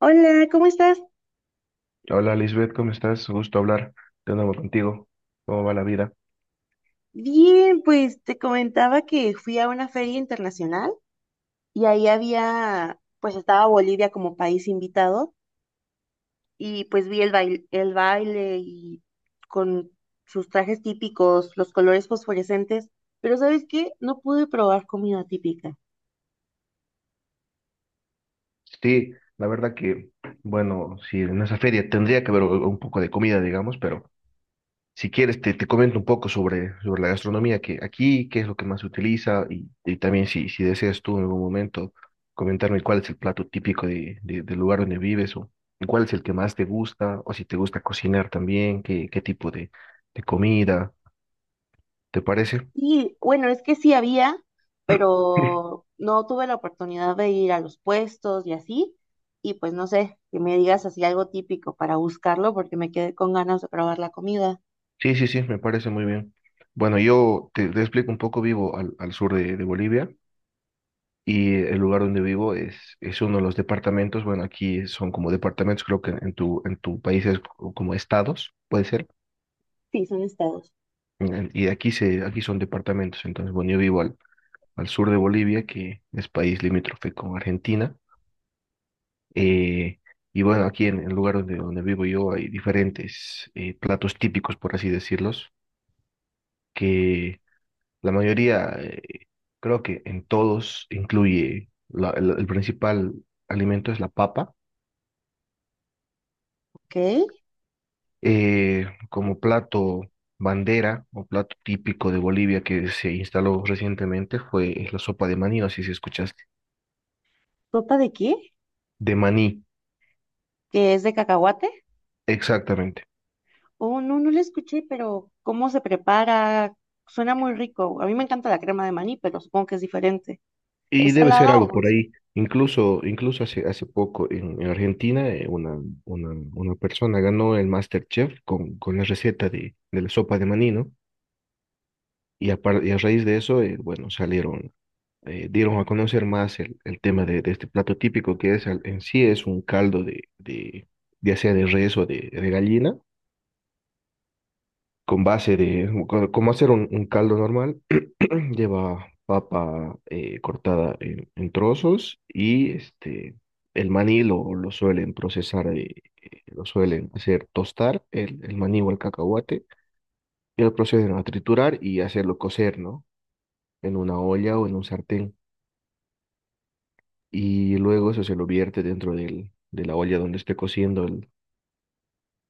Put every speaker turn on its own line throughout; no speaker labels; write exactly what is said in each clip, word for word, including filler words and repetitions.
Hola, ¿cómo estás?
Hola Lisbeth, ¿cómo estás? Gusto hablar de nuevo contigo. ¿Cómo va la vida?
Bien, pues te comentaba que fui a una feria internacional y ahí había, pues estaba Bolivia como país invitado y pues vi el baile, el baile y con sus trajes típicos, los colores fosforescentes, pero ¿sabes qué? No pude probar comida típica.
Sí, la verdad que, bueno, si en esa feria tendría que haber u- un poco de comida, digamos, pero si quieres te, te comento un poco sobre, sobre la gastronomía, que aquí, qué es lo que más se utiliza y, y también si, si deseas tú en algún momento comentarme cuál es el plato típico de, de- del lugar donde vives o cuál es el que más te gusta o si te gusta cocinar también, qué, qué tipo de, de comida, ¿te parece?
Sí, bueno, es que sí había, pero no tuve la oportunidad de ir a los puestos y así. Y pues no sé, que me digas así algo típico para buscarlo porque me quedé con ganas de probar la comida.
Sí, sí, sí, me parece muy bien. Bueno, yo te, te explico un poco, vivo al, al sur de, de Bolivia y el lugar donde vivo es, es uno de los departamentos, bueno, aquí son como departamentos, creo que en tu, en tu país es co- como estados, puede ser,
Sí, son estados.
en- y aquí, se, aquí son departamentos, entonces, bueno, yo vivo al, al sur de Bolivia, que es país limítrofe con Argentina, eh, y bueno, aquí en el lugar donde, donde vivo yo hay diferentes eh, platos típicos, por así decirlos. La mayoría, eh, creo que en todos incluye la- el, el principal alimento es la papa,
Ok.
eh, como plato bandera o plato típico de Bolivia que se instaló recientemente fue la sopa de maní, no sé si escuchaste,
¿Sopa de qué?
de maní,
¿Que es de cacahuate?
exactamente.
Oh, no, no la escuché, pero ¿cómo se prepara? Suena muy rico. A mí me encanta la crema de maní, pero supongo que es diferente.
Y
¿Es
debe ser
salada
algo
o
por
dulce?
ahí. Incluso, incluso hace, hace poco en, en Argentina eh, una, una, una persona ganó el MasterChef con, con la receta de, de la sopa de maní, ¿no? Y a, par- y a raíz de eso, eh, bueno, salieron eh, dieron a conocer más el, el tema de, de este plato típico que es al- en sí es un caldo de, de ya sea de res o de, de gallina, con base de, co- como hacer un, un caldo normal, lleva papa eh, cortada en, en trozos y este, el maní lo, lo suelen procesar, eh, eh, lo suelen hacer tostar, el, el maní o el cacahuate, y lo proceden a triturar y hacerlo cocer, ¿no? En una olla o en un sartén. Y luego eso se lo vierte dentro del, de la olla donde esté cociendo el,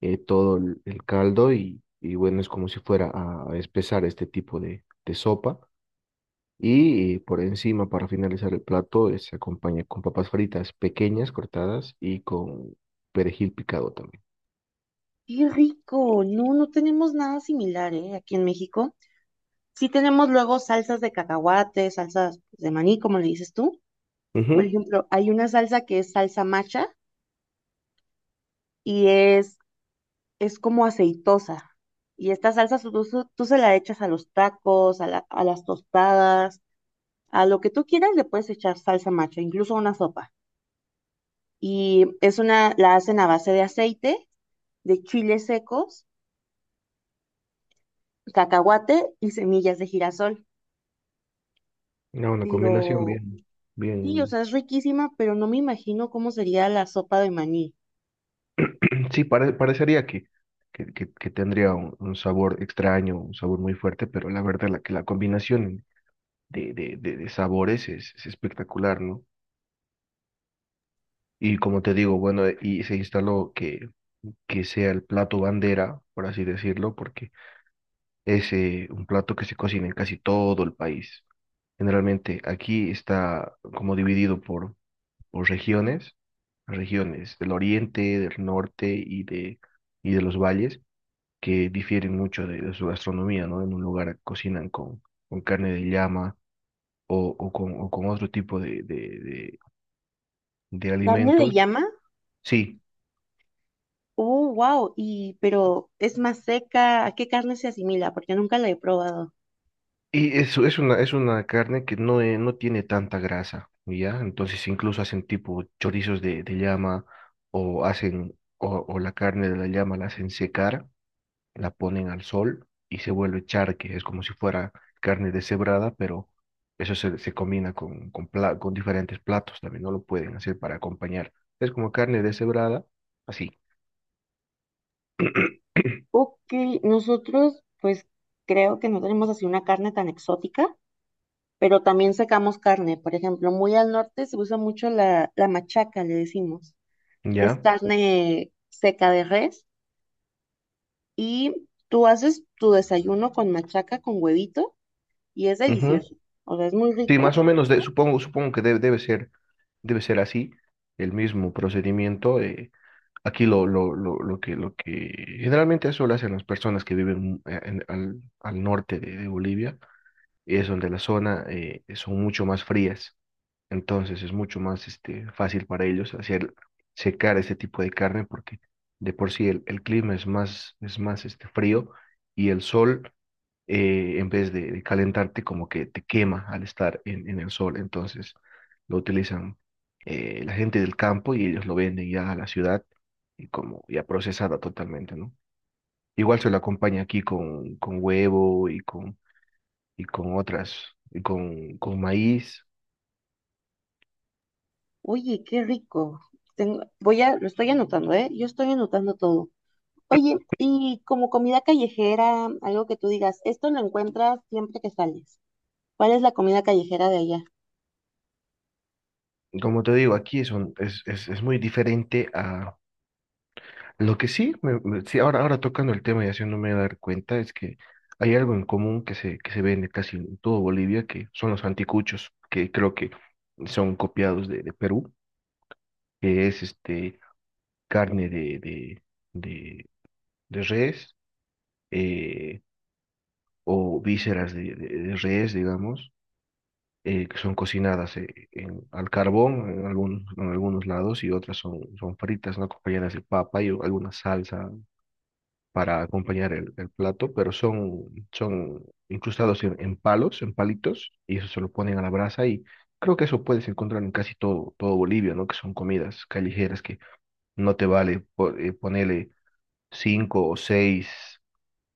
eh, todo el, el caldo y, y bueno, es como si fuera a, a espesar este tipo de, de sopa y eh, por encima para finalizar el plato eh, se acompaña con papas fritas pequeñas cortadas y con perejil picado también.
Qué rico. No, no tenemos nada similar, ¿eh? Aquí en México. Sí tenemos luego salsas de cacahuate, salsas pues, de maní, como le dices tú. Por
Ujú.
ejemplo, hay una salsa que es salsa macha y es, es como aceitosa. Y esta salsa tú, tú- tú se la echas a los tacos, a, la- a las tostadas, a lo que tú quieras le puedes echar salsa macha, incluso a una sopa. Y es una, la hacen a base de aceite, de chiles secos, cacahuate y semillas de girasol.
No, una combinación
Pero
bien,
sí, o
bien,
sea, es riquísima, pero no me imagino cómo sería la sopa de maní.
sí, pare- parecería que... Que, que- que tendría un, un sabor extraño, un sabor muy fuerte, pero la verdad la, que la combinación de, de, de, de sabores es, es espectacular, ¿no? Y como te digo, bueno, y se instaló que, que sea el plato bandera, por así decirlo, porque es eh, un plato que se cocina en casi todo el país. Generalmente aquí está como dividido por, por regiones, regiones del oriente, del norte y de, y de los valles, que difieren mucho de, de su gastronomía, ¿no? En un lugar cocinan con, con carne de llama o, o con, o con otro tipo de, de, de
¿Carne de
alimentos.
llama?
Sí,
Uh, wow. Y, pero es más seca. ¿A qué carne se asimila? Porque nunca la he probado.
y eso es una, es una carne que no, eh, no tiene tanta grasa, ¿ya? Entonces incluso hacen tipo chorizos de, de llama o hacen, o, o la carne de la llama la hacen secar, la ponen al sol y se vuelve charque, es como si fuera carne deshebrada, pero eso se, se combina con, con, pla- con diferentes platos también, no lo pueden hacer para acompañar. Es como carne deshebrada, así,
Ok, nosotros, pues creo que no tenemos así una carne tan exótica, pero también sacamos carne. Por ejemplo, muy al norte se usa mucho la, la machaca, le decimos, que es
¿ya?
carne seca de res. Y tú haces tu desayuno con machaca, con huevito, y es
Ujú.
delicioso. O sea, es muy
Sí, más
rico.
o menos, de- supongo, supongo que debe, debe ser. Debe ser así, el mismo procedimiento. eh, aquí lo, lo, lo, lo que, lo que generalmente eso lo hacen las personas que viven eh, en- al, al norte de, de Bolivia, y es donde la zona eh, son mucho más frías. Entonces es mucho más este, fácil para ellos hacer secar este tipo de carne porque de por sí el, el clima es más, es más este, frío y el sol, eh, en vez de, de calentarte, como que te quema al estar en, en el sol. Entonces lo utilizan eh, la gente del campo y ellos lo venden ya a la ciudad y como ya procesada totalmente, ¿no? Igual se lo acompaña aquí con, con huevo y con, y con otras, y con, con maíz.
Oye, qué rico. Tengo- voy a, lo estoy anotando, ¿eh? Yo estoy anotando todo. Oye, y como comida callejera, algo que tú digas, esto lo encuentras siempre que sales. ¿Cuál es la comida callejera de allá?
Como te digo, aquí son, es, es, es muy diferente a lo que sí, me- me- sí, ahora, ahora tocando el tema y haciéndome dar cuenta, es que hay algo en común que se, que se vende casi en todo Bolivia, que son los anticuchos, que creo que son copiados de, de Perú, que es este carne de, de, de, de res eh, o vísceras de, de- de res, digamos, eh, que son cocinadas eh, en- al carbón en, algunos en algunos lados y otras son, son fritas, ¿no? Acompañadas de papa y o- alguna salsa para acompañar el, el plato, pero son, son incrustados en, en palos, en palitos, y eso se lo ponen a la brasa y creo que eso puedes encontrar en casi todo, todo Bolivia, ¿no? Que son comidas callejeras que no te vale po- eh, ponerle cinco o seis.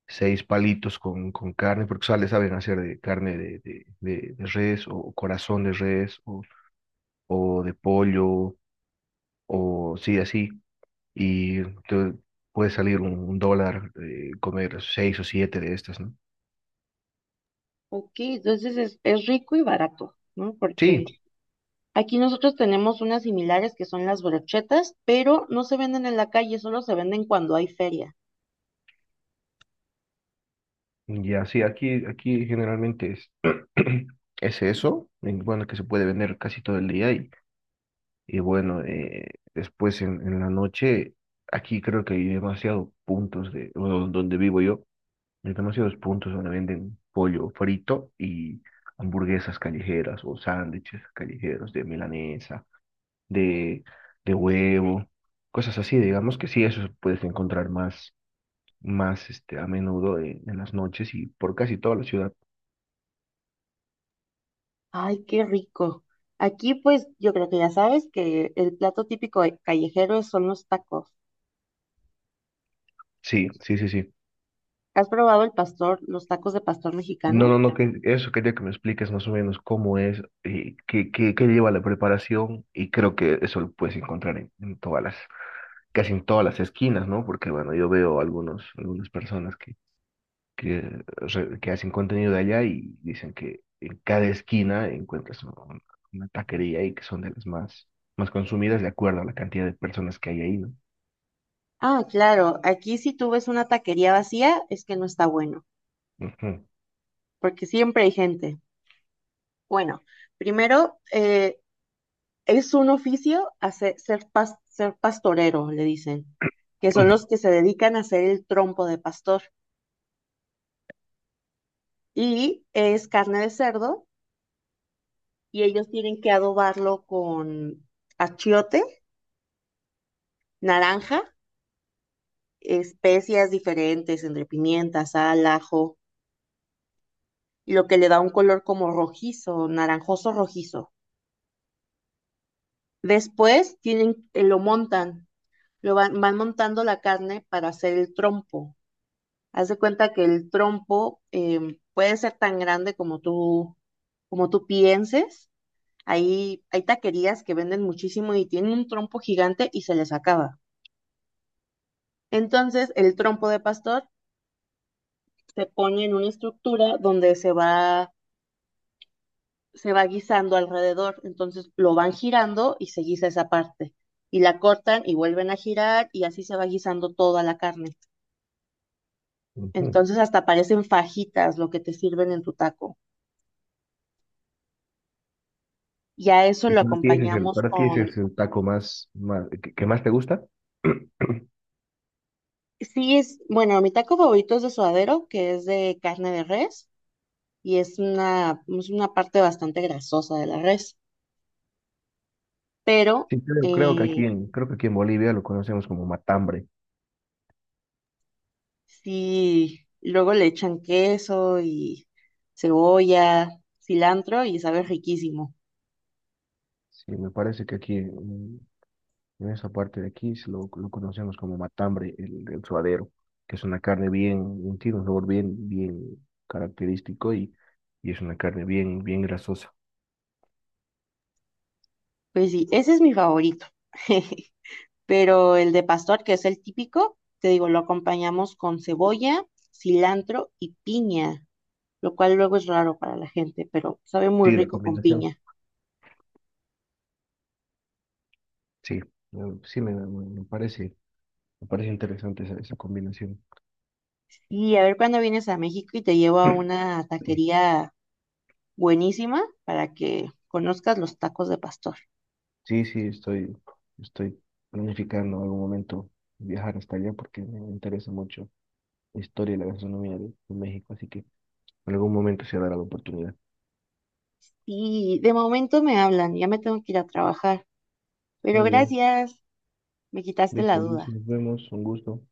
Seis palitos con, con carne, porque o sea, le saben hacer de carne de, de, de- de res o corazón de res o de pollo, o sí, así, y te puede salir un, un dólar eh, comer seis o siete de estas, ¿no?
Ok, entonces es, es rico y barato, ¿no?
Sí,
Porque aquí nosotros tenemos unas similares que son las brochetas, pero no se venden en la calle, solo se venden cuando hay feria.
ya, sí, aquí, aquí generalmente es, es eso, en- bueno, que se puede vender casi todo el día y, y bueno, eh, después en, en la noche, aquí creo que hay demasiados puntos de, o donde vivo yo, hay demasiados puntos donde venden pollo frito y hamburguesas callejeras o sándwiches callejeros de milanesa de, de huevo, cosas así, digamos que sí, eso puedes encontrar más, más este, a menudo en, en las noches y por casi toda la ciudad.
Ay, qué rico. Aquí, pues, yo creo que ya sabes que el plato típico de- callejero son los tacos.
Sí, sí, sí, sí.
¿Has probado el pastor, los tacos de pastor
No,
mexicano?
no, no, que eso quería que me expliques más o menos cómo es, eh, qué, qué, qué lleva la preparación y creo que eso lo puedes encontrar en, en todas las, casi en todas las esquinas, ¿no? Porque bueno, yo veo algunos, algunas personas que que, re- que hacen contenido de allá y dicen que en cada esquina encuentras un- una taquería y que son de las más, más consumidas de acuerdo a la cantidad de personas que hay ahí, ¿no?
Ah, claro, aquí si tú ves una taquería vacía es que no está bueno,
Ujú,
porque siempre hay gente. Bueno, primero, eh, es un oficio hacer, ser, pas- ser pastorero, le dicen, que son los que se dedican a hacer el trompo de pastor. Y es carne de cerdo y ellos tienen que adobarlo con achiote, naranja, especias diferentes, entre pimienta, sal, ajo lo que le da un color como rojizo, naranjoso rojizo. Después tienen, eh, lo montan, lo van, van montando la carne para hacer el trompo. Haz de cuenta que el trompo eh, puede ser tan grande como tú, como tú pienses. Ahí hay taquerías que venden muchísimo y tienen un trompo gigante y se les acaba. Entonces, el trompo de pastor se pone en una estructura donde se va se va guisando alrededor, entonces lo van girando y se guisa esa parte. Y la cortan y vuelven a girar y así se va guisando toda la carne.
ujú.
Entonces hasta parecen fajitas lo que te sirven en tu taco. Y a eso
¿Y
lo
para ti ese es el,
acompañamos
para ti ese
con,
es el taco más, más que, que más te gusta?
sí es, bueno, mi taco favorito es de suadero, que es de carne de res y es una, es una parte bastante grasosa de la res, pero
Sí, creo, creo que
eh,
aquí en, creo que aquí en Bolivia lo conocemos como matambre.
sí, luego le echan queso y cebolla, cilantro y sabe riquísimo.
Sí, me parece que aquí, en esa parte de aquí se lo, lo conocemos como matambre, el, el suadero, que es una carne bien, bien- tiene un sabor bien, bien característico y, y es una carne bien, bien grasosa.
Pues sí, ese es mi favorito. Pero el de pastor, que es el típico, te digo, lo acompañamos con cebolla, cilantro y piña, lo cual luego es raro para la gente, pero sabe muy
Sí, la
rico con
combinación.
piña.
Sí, eh, sí me, me- me parece, me parece interesante esa, esa combinación.
Y a ver cuándo vienes a México y te llevo a una taquería buenísima para que conozcas los tacos de pastor.
Sí, sí, estoy, estoy planificando en algún momento viajar hasta allá porque me interesa mucho la historia y la gastronomía de, de México, así que en algún momento se dará la oportunidad.
Y de momento me hablan, ya me tengo que ir a trabajar. Pero
Muy bien,
gracias, me quitaste la
listo, Luis,
duda.
nos vemos, un gusto.